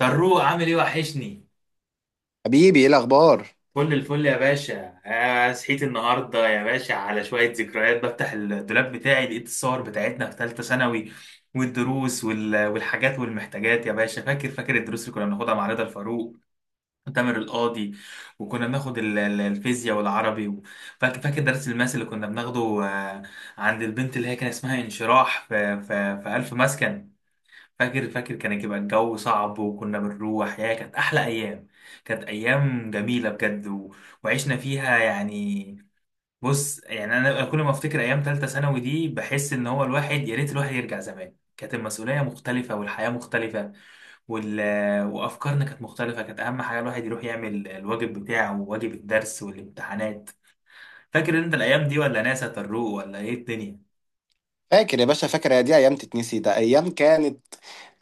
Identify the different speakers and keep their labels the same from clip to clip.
Speaker 1: فاروق، عامل ايه؟ وحشني.
Speaker 2: حبيبي، ايه الاخبار؟
Speaker 1: كل الفل يا باشا. صحيت النهارده يا باشا على شويه ذكريات، بفتح الدولاب بتاعي لقيت الصور بتاعتنا في ثالثه ثانوي، والدروس والحاجات والمحتاجات يا باشا. فاكر الدروس اللي كنا بناخدها مع رضا الفاروق وتامر القاضي، وكنا بناخد الفيزياء والعربي فاكر درس الماس اللي كنا بناخده، عند البنت اللي هي كان اسمها انشراح في ألف مسكن. فاكر كان يبقى الجو صعب وكنا بنروح، يا كانت احلى ايام. كانت ايام جميله بجد وعشنا فيها يعني. بص يعني انا كل ما افتكر ايام ثالثه ثانوي دي بحس ان هو الواحد، يا ريت الواحد يرجع زمان. كانت المسؤوليه مختلفه والحياه مختلفه وال... وافكارنا كانت مختلفه. كانت اهم حاجه الواحد يروح يعمل الواجب بتاعه وواجب الدرس والامتحانات. فاكر انت الايام دي ولا ناسي يا طروق؟ ولا ايه الدنيا؟
Speaker 2: فاكر يا باشا، فاكر، يا دي ايام تتنسي؟ ده ايام كانت.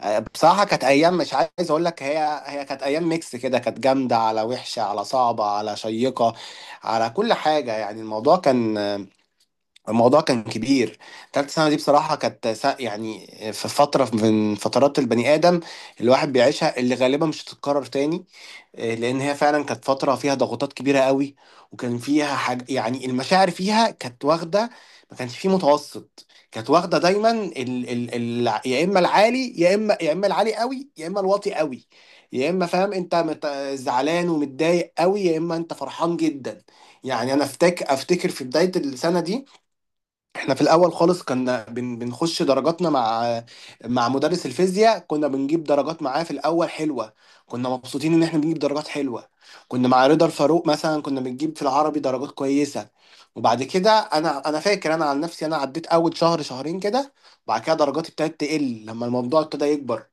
Speaker 2: بصراحه كانت ايام، مش عايز اقول لك، هي كانت ايام ميكس كده، كانت جامده، على وحشه، على صعبه، على شيقه، على كل حاجه. يعني الموضوع كان، الموضوع كان كبير. تالت سنه دي بصراحه كانت، يعني في فتره من فترات البني ادم الواحد بيعيشها، اللي غالبا مش هتتكرر تاني. لان هي فعلا كانت فتره فيها ضغوطات كبيره قوي، وكان فيها حاجه، يعني المشاعر فيها كانت واخده، ما كانش فيه متوسط. كانت واخده دايما ال ال ال يا اما العالي، يا اما، يا اما العالي قوي، يا اما الواطي قوي، يا اما فاهم انت، زعلان ومتضايق قوي، يا اما انت فرحان جدا. يعني انا افتكر في بدايه السنه دي احنا في الاول خالص كنا بنخش درجاتنا مع مدرس الفيزياء، كنا بنجيب درجات معاه في الاول حلوه، كنا مبسوطين ان احنا بنجيب درجات حلوه. كنا مع رضا الفاروق مثلا كنا بنجيب في العربي درجات كويسه، وبعد كده انا فاكر، انا عن نفسي انا عديت اول شهر شهرين كده، وبعد كده درجاتي ابتدت تقل لما الموضوع ابتدى يكبر،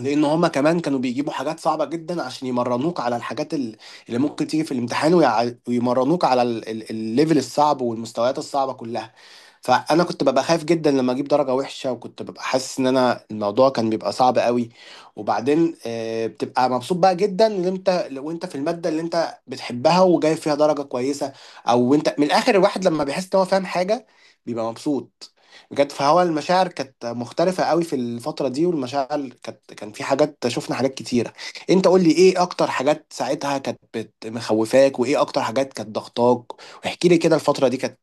Speaker 2: لان هما كمان كانوا بيجيبوا حاجات صعبه جدا عشان يمرنوك على الحاجات اللي ممكن تيجي في الامتحان، ويمرنوك على الليفل الصعب والمستويات الصعبه كلها. فانا كنت ببقى خايف جدا لما اجيب درجه وحشه، وكنت ببقى حاسس ان انا الموضوع كان بيبقى صعب قوي. وبعدين بتبقى مبسوط بقى جدا ان انت، لو انت في الماده اللي انت بتحبها وجايب فيها درجه كويسه، او انت من الاخر الواحد لما بيحس ان هو فاهم حاجه بيبقى مبسوط بجد. فهو المشاعر كانت مختلفه قوي في الفتره دي، والمشاعر كانت، كان في حاجات، شفنا حاجات كتيره. انت قول لي ايه اكتر حاجات ساعتها كانت، مخوفاك، وايه اكتر حاجات كانت ضغطاك، واحكي لي كده الفتره دي كانت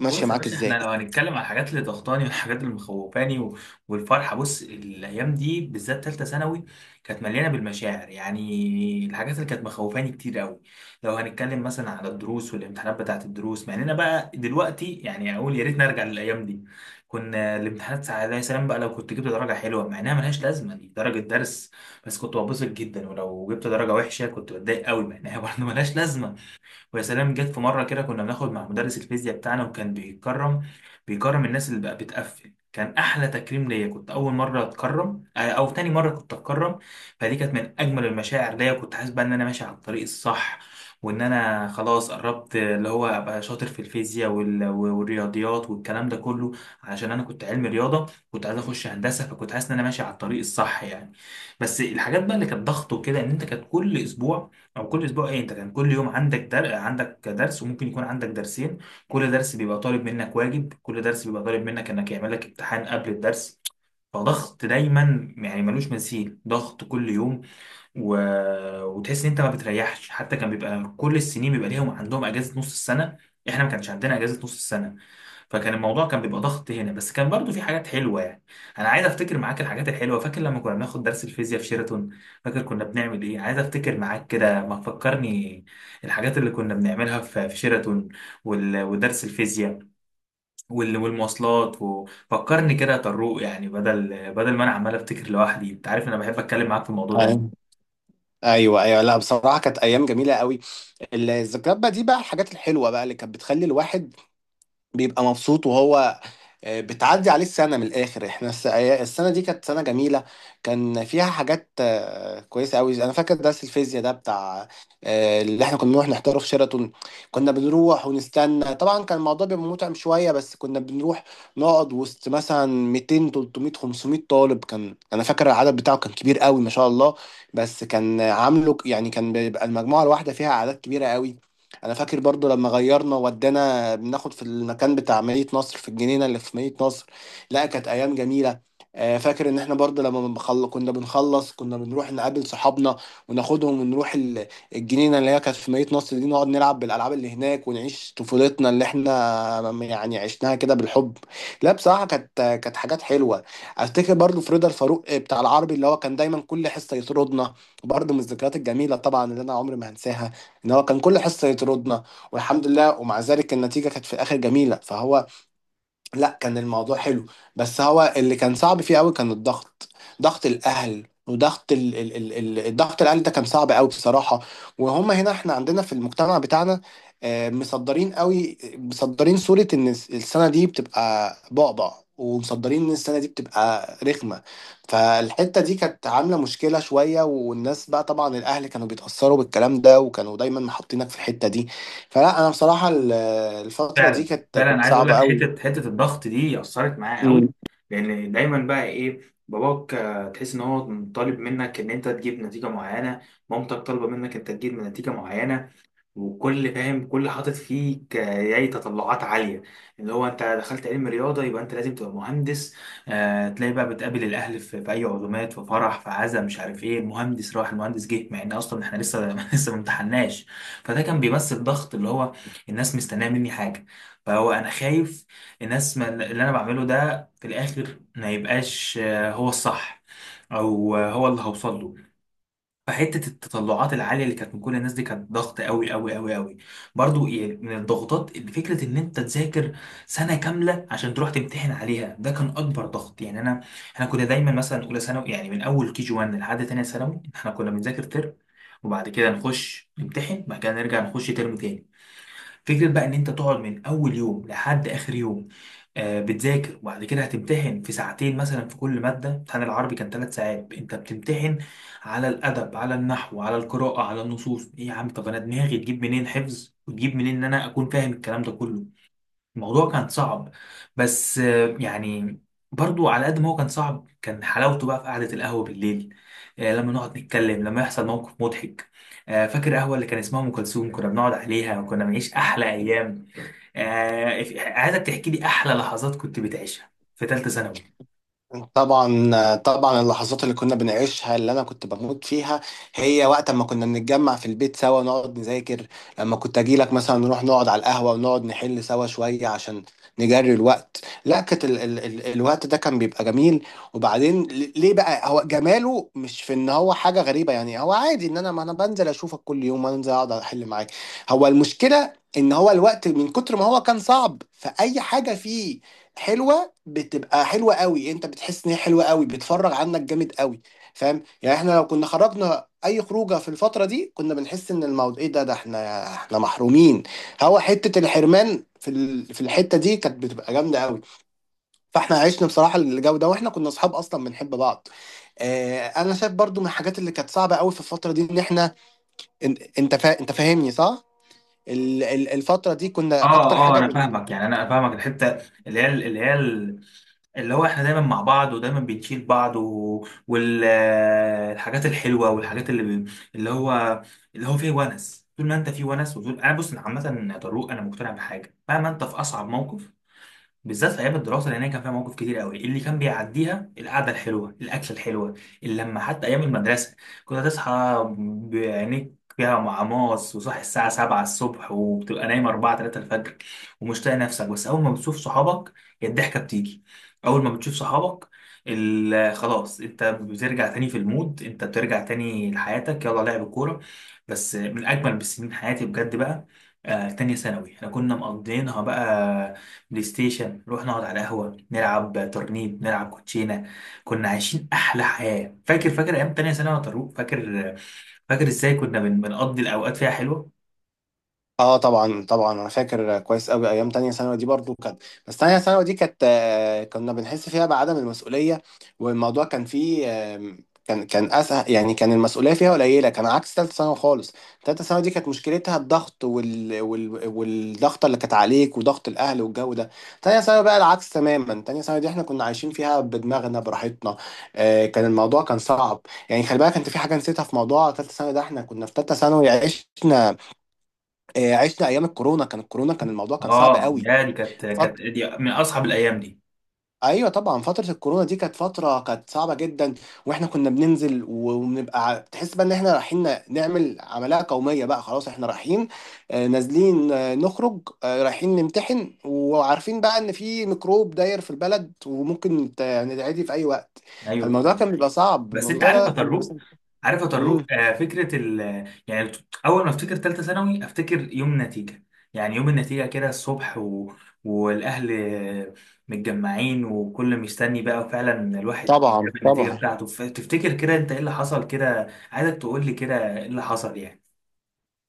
Speaker 2: ماشيه
Speaker 1: بص يا
Speaker 2: معاك
Speaker 1: باشا، احنا
Speaker 2: ازاي؟
Speaker 1: لو هنتكلم على الحاجات اللي ضغطاني والحاجات اللي مخوفاني والفرحه، بص الايام دي بالذات ثالثه ثانوي كانت مليانه بالمشاعر. يعني الحاجات اللي كانت مخوفاني كتير قوي لو هنتكلم مثلا على الدروس والامتحانات بتاعت الدروس، مع اننا بقى دلوقتي يعني اقول يا ريت نرجع للايام دي. كنا الامتحانات ساعات، يا سلام بقى لو كنت جبت درجه حلوه، مع انها ملهاش لازمه دي درجه درس، بس كنت ببسط جدا، ولو جبت درجه وحشه كنت بتضايق قوي مع انها برضه ملهاش لازمه. ويا سلام جت في مره كده، كنا بناخد مع مدرس الفيزياء بتاعنا، وكان بيكرم الناس اللي بقى بتقفل. كان احلى تكريم ليا، كنت اول مره اتكرم، او تاني مره كنت اتكرم. فدي كانت من اجمل المشاعر ليا، كنت حاسس بقى ان انا ماشي على الطريق الصح، وان انا خلاص قربت اللي هو ابقى شاطر في الفيزياء والرياضيات والكلام ده كله، علشان انا كنت علمي رياضه. كنت عايز اخش هندسه، فكنت حاسس ان انا ماشي على الطريق الصح يعني. بس الحاجات بقى اللي كانت ضغط وكده ان انت كانت كل اسبوع، او كل اسبوع ايه، انت كان كل يوم عندك عندك درس وممكن يكون عندك درسين. كل درس بيبقى طالب منك واجب، كل درس بيبقى طالب منك انك يعمل لك امتحان قبل الدرس. فضغط دايما، يعني ملوش مثيل، ضغط كل يوم و... وتحس ان انت ما بتريحش. حتى كان بيبقى كل السنين بيبقى ليهم عندهم اجازه نص السنه، احنا ما كانش عندنا اجازه نص السنه. فكان الموضوع كان بيبقى ضغط هنا. بس كان برضو في حاجات حلوه يعني. انا عايز افتكر معاك الحاجات الحلوه. فاكر لما كنا بناخد درس الفيزياء في شيراتون؟ فاكر كنا بنعمل ايه؟ عايز افتكر معاك كده، ما تفكرني الحاجات اللي كنا بنعملها في شيراتون ودرس الفيزياء والمواصلات. وفكرني كده يا طروق، يعني بدل ما انا عمال افتكر لوحدي. انت عارف انا بحب اتكلم معاك في الموضوع ده.
Speaker 2: ايوه، ايوه، ايوه، لا بصراحه كانت ايام جميله قوي. الذكريات بقى دي بقى، الحاجات الحلوه بقى اللي كانت بتخلي الواحد بيبقى مبسوط. وهو بتعدي عليه السنة من الآخر. احنا السنة دي كانت سنة جميلة، كان فيها حاجات كويسة أوي. أنا فاكر درس الفيزياء ده بتاع، اللي احنا كنا بنروح نحضره في شيراتون. كنا بنروح ونستنى، طبعا كان الموضوع بيبقى متعب شوية، بس كنا بنروح نقعد وسط مثلا 200 300 500 طالب، كان أنا فاكر العدد بتاعه كان كبير أوي ما شاء الله. بس كان عامله، يعني كان بيبقى المجموعة الواحدة فيها أعداد كبيرة أوي. انا فاكر برضو لما غيرنا ودانا بناخد في المكان بتاع مدينة نصر، في الجنينة اللي في مدينة نصر. لا كانت ايام جميلة. فاكر ان احنا برضو لما كنا بنخلص كنا بنروح نقابل صحابنا وناخدهم ونروح الجنينة اللي هي كانت في مدينة نصر دي، نقعد نلعب بالالعاب اللي هناك، ونعيش طفولتنا اللي احنا يعني عشناها كده بالحب. لا بصراحة كانت، كانت حاجات حلوة. افتكر برضو في رضا الفاروق بتاع العربي اللي هو كان دايما كل حصة يطردنا، برضو من الذكريات الجميلة طبعا اللي انا عمري ما هنساها ان هو كان كل حصه يطردنا. والحمد لله، ومع ذلك النتيجه كانت في الاخر جميله. فهو لا، كان الموضوع حلو، بس هو اللي كان صعب فيه قوي كان الضغط، ضغط الاهل، وضغط الضغط الاهل ده كان صعب قوي بصراحه. وهم هنا احنا عندنا في المجتمع بتاعنا، مصدرين قوي، مصدرين صوره ان السنه دي بتبقى بعبع، ومصدرين ان السنه دي بتبقى رخمه. فالحته دي كانت عامله مشكله شويه، والناس بقى طبعا الاهل كانوا بيتاثروا بالكلام ده، وكانوا دايما محطينك في الحته دي. فلا انا بصراحه الفتره دي
Speaker 1: فعلا
Speaker 2: كانت،
Speaker 1: فعلا، أنا
Speaker 2: كانت
Speaker 1: عايز اقول
Speaker 2: صعبه
Speaker 1: لك
Speaker 2: قوي.
Speaker 1: حته الضغط دي اثرت معايا قوي. لان دايما بقى ايه، باباك تحس ان هو طالب منك ان انت تجيب نتيجه معينه، مامتك طالبه منك انت تجيب نتيجه معينه، وكل فاهم كل حاطط فيك، يعني تطلعات عالية. اللي هو انت دخلت علم رياضة يبقى انت لازم تبقى مهندس. آه تلاقي بقى بتقابل الاهل في، في اي عزومات، في فرح، في عزا، مش عارف ايه، المهندس راح المهندس جه، مع ان اصلا احنا لسه لسه ما امتحناش. فده كان بيمثل ضغط، اللي هو الناس مستنيه مني حاجة، فهو انا خايف الناس، ما اللي انا بعمله ده في الاخر ما يبقاش هو الصح، او هو اللي هوصل له. فحته التطلعات العاليه اللي كانت من كل الناس دي كانت ضغط قوي قوي قوي قوي. برضو يعني، من الضغوطات اللي فكره ان انت تذاكر سنه كامله عشان تروح تمتحن عليها، ده كان اكبر ضغط. يعني انا احنا كنا دايما مثلا اولى ثانوي، يعني من اول كي جي 1 لحد تانية ثانوي احنا كنا بنذاكر ترم، وبعد كده نخش نمتحن، بعد كده نرجع نخش ترم تاني. فكرة بقى ان انت تقعد من اول يوم لحد اخر يوم آه بتذاكر، وبعد كده هتمتحن في ساعتين مثلا في كل مادة. امتحان العربي كان ثلاث ساعات انت بتمتحن على الادب، على النحو، على القراءة، على النصوص. ايه يا عم؟ طب انا دماغي تجيب منين حفظ وتجيب منين ان انا اكون فاهم الكلام ده كله؟ الموضوع كان صعب. بس آه، يعني برضو على قد ما هو كان صعب كان حلاوته بقى في قعدة القهوة بالليل. لما نقعد نتكلم، لما يحصل موقف مضحك. فاكر قهوة اللي كان اسمها أم كلثوم كنا بنقعد عليها وكنا بنعيش أحلى أيام. عايزك تحكي لي أحلى لحظات كنت بتعيشها في تالتة ثانوي.
Speaker 2: طبعا، طبعا، اللحظات اللي كنا بنعيشها اللي انا كنت بموت فيها هي وقت ما كنا بنتجمع في البيت سوا نقعد نذاكر، لما كنت اجي لك مثلا نروح نقعد على القهوة ونقعد نحل سوا شوية عشان نجري الوقت. لا كانت ال ال ال الوقت ده كان بيبقى جميل. وبعدين ليه بقى؟ هو جماله مش في ان هو حاجة غريبة، يعني هو عادي ان انا، ما انا بنزل اشوفك كل يوم انزل اقعد احل معاك. هو المشكلة ان هو الوقت من كتر ما هو كان صعب، فاي حاجة فيه حلوة بتبقى حلوه قوي، انت بتحس ان هي حلوه قوي، بتفرغ عنك جامد قوي. فاهم؟ يعني احنا لو كنا خرجنا اي خروجه في الفتره دي كنا بنحس ان الموضوع ايه ده، ده احنا، محرومين. هو حته الحرمان في، في الحته دي كانت بتبقى جامده قوي، فاحنا عشنا بصراحه الجو ده، واحنا كنا اصحاب اصلا بنحب بعض. آه انا شايف برضو من الحاجات اللي كانت صعبه قوي في الفتره دي ان احنا، انت فاهمني صح، الفتره دي كنا
Speaker 1: اه،
Speaker 2: اكتر
Speaker 1: اه،
Speaker 2: حاجه
Speaker 1: انا فاهمك. يعني انا فاهمك الحته اللي هي، اللي هو احنا دايما مع بعض ودايما بنشيل بعض، والحاجات الحلوه والحاجات اللي اللي هو فيه ونس. طول ما انت فيه ونس وطول انا... بص، أنا عامه يا طارق انا مقتنع بحاجه، مهما انت في اصعب موقف بالذات في ايام الدراسه، لان هي كان فيها مواقف كتير قوي اللي كان بيعديها القعده الحلوه، الاكله الحلوه، اللمه. حتى ايام المدرسه، كنت هتصحى بعينيك فيها معماص وصاحي الساعه 7 الصبح، وبتبقى نايم 4 3 الفجر، ومش طايق نفسك، بس اول ما بتشوف صحابك هي الضحكه بتيجي. اول ما بتشوف صحابك خلاص، انت بترجع تاني في المود، انت بترجع تاني لحياتك، يلا لعب كوره. بس من اجمل بسنين حياتي بجد بقى. تانية ثانوي احنا كنا مقضيينها بقى بلاي ستيشن، نروح نقعد على قهوة، نلعب ترنيب، نلعب كوتشينة. كنا عايشين أحلى حياة. فاكر أيام تانية ثانوي يا طارق؟ فاكر، فاكر إزاي كنا بنقضي الأوقات فيها حلوة.
Speaker 2: اه طبعا، طبعا، انا فاكر كويس قوي ايام تانية ثانوي دي. برضو كانت، بس تانية ثانوي دي كانت، كنا بنحس فيها بعدم المسؤولية، والموضوع كان فيه، كان كان اسهل، يعني كان المسؤولية فيها قليلة، كان عكس تالتة ثانوي خالص. تالتة ثانوي دي كانت مشكلتها الضغط والضغط اللي كانت عليك، وضغط الاهل والجو ده. تانية ثانوي بقى العكس تماما، تانية ثانوي دي احنا كنا عايشين فيها بدماغنا براحتنا. كان الموضوع كان صعب، يعني خلي بالك انت في حاجة نسيتها في موضوع تالتة ثانوي ده، احنا كنا في تالتة ثانوي عشنا، عشنا ايام الكورونا، كان الكورونا كان الموضوع كان صعب
Speaker 1: آه
Speaker 2: قوي.
Speaker 1: يا دي، كانت
Speaker 2: فط...
Speaker 1: دي من أصعب الأيام دي.
Speaker 2: ايوه طبعا فتره الكورونا دي كانت فتره كانت صعبه جدا، واحنا كنا بننزل، وبنبقى، تحس بقى ان احنا رايحين، نعمل عمليه قوميه بقى، خلاص احنا رايحين، نازلين، نخرج، رايحين نمتحن، وعارفين بقى ان في ميكروب داير في البلد وممكن نتعدي في اي وقت. فالموضوع
Speaker 1: أيوه.
Speaker 2: كان بيبقى صعب،
Speaker 1: بس انت
Speaker 2: الموضوع
Speaker 1: عارف
Speaker 2: ده
Speaker 1: يا
Speaker 2: كان بيبقى
Speaker 1: طروق،
Speaker 2: صعب.
Speaker 1: عارف يا طروق،
Speaker 2: امم
Speaker 1: آه فكره ال... يعني، اول ما افتكر ثالثه ثانوي افتكر يوم نتيجه. يعني يوم النتيجه كده الصبح والاهل متجمعين وكل مستني. بقى فعلا الواحد
Speaker 2: طبعا،
Speaker 1: جاب النتيجه
Speaker 2: طبعا،
Speaker 1: بتاعته، تفتكر كده انت ايه اللي حصل كده؟ عايزك تقول لي كده ايه اللي حصل يعني.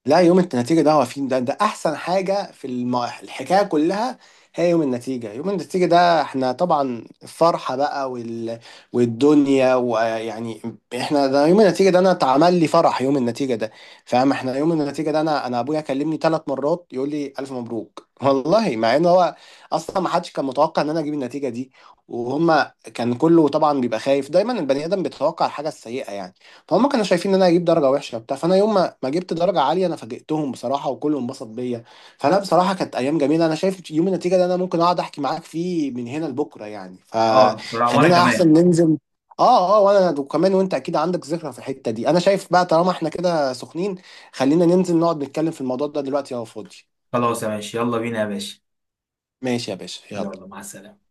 Speaker 2: لا يوم النتيجة ده هو فين؟ ده ده أحسن حاجة في الحكاية كلها، هي يوم النتيجة. يوم النتيجة ده احنا طبعا الفرحة بقى، والدنيا، ويعني احنا ده يوم النتيجة ده أنا اتعمل لي فرح يوم النتيجة ده. فاهم؟ احنا يوم النتيجة ده أنا، أبويا كلمني 3 مرات يقول لي ألف مبروك والله، مع إن هو أصلا ما حدش كان متوقع إن أنا أجيب النتيجة دي. وهما كان كله طبعا بيبقى خايف، دايما البني آدم بيتوقع الحاجة السيئة، يعني فهم كانوا شايفين ان انا هجيب درجه وحشه وبتاع. فانا يوم ما جبت درجه عاليه انا فاجئتهم بصراحه، وكله انبسط بيا. فانا بصراحه كانت ايام جميله، انا شايف يوم النتيجه ده انا ممكن اقعد احكي معاك فيه من هنا لبكره، يعني
Speaker 1: اه بصراحه، وانا
Speaker 2: فخلينا احسن
Speaker 1: كمان.
Speaker 2: ننزل. اه، اه، وانا وكمان، وانت اكيد عندك ذكرى في الحته دي. انا شايف بقى طالما احنا كده سخنين خلينا ننزل نقعد نتكلم في الموضوع ده دلوقتي لو فاضي.
Speaker 1: خلاص يا، ماشي يلا بينا يا باشا.
Speaker 2: ماشي يا باشا،
Speaker 1: يلا
Speaker 2: يلا.
Speaker 1: مع السلامه.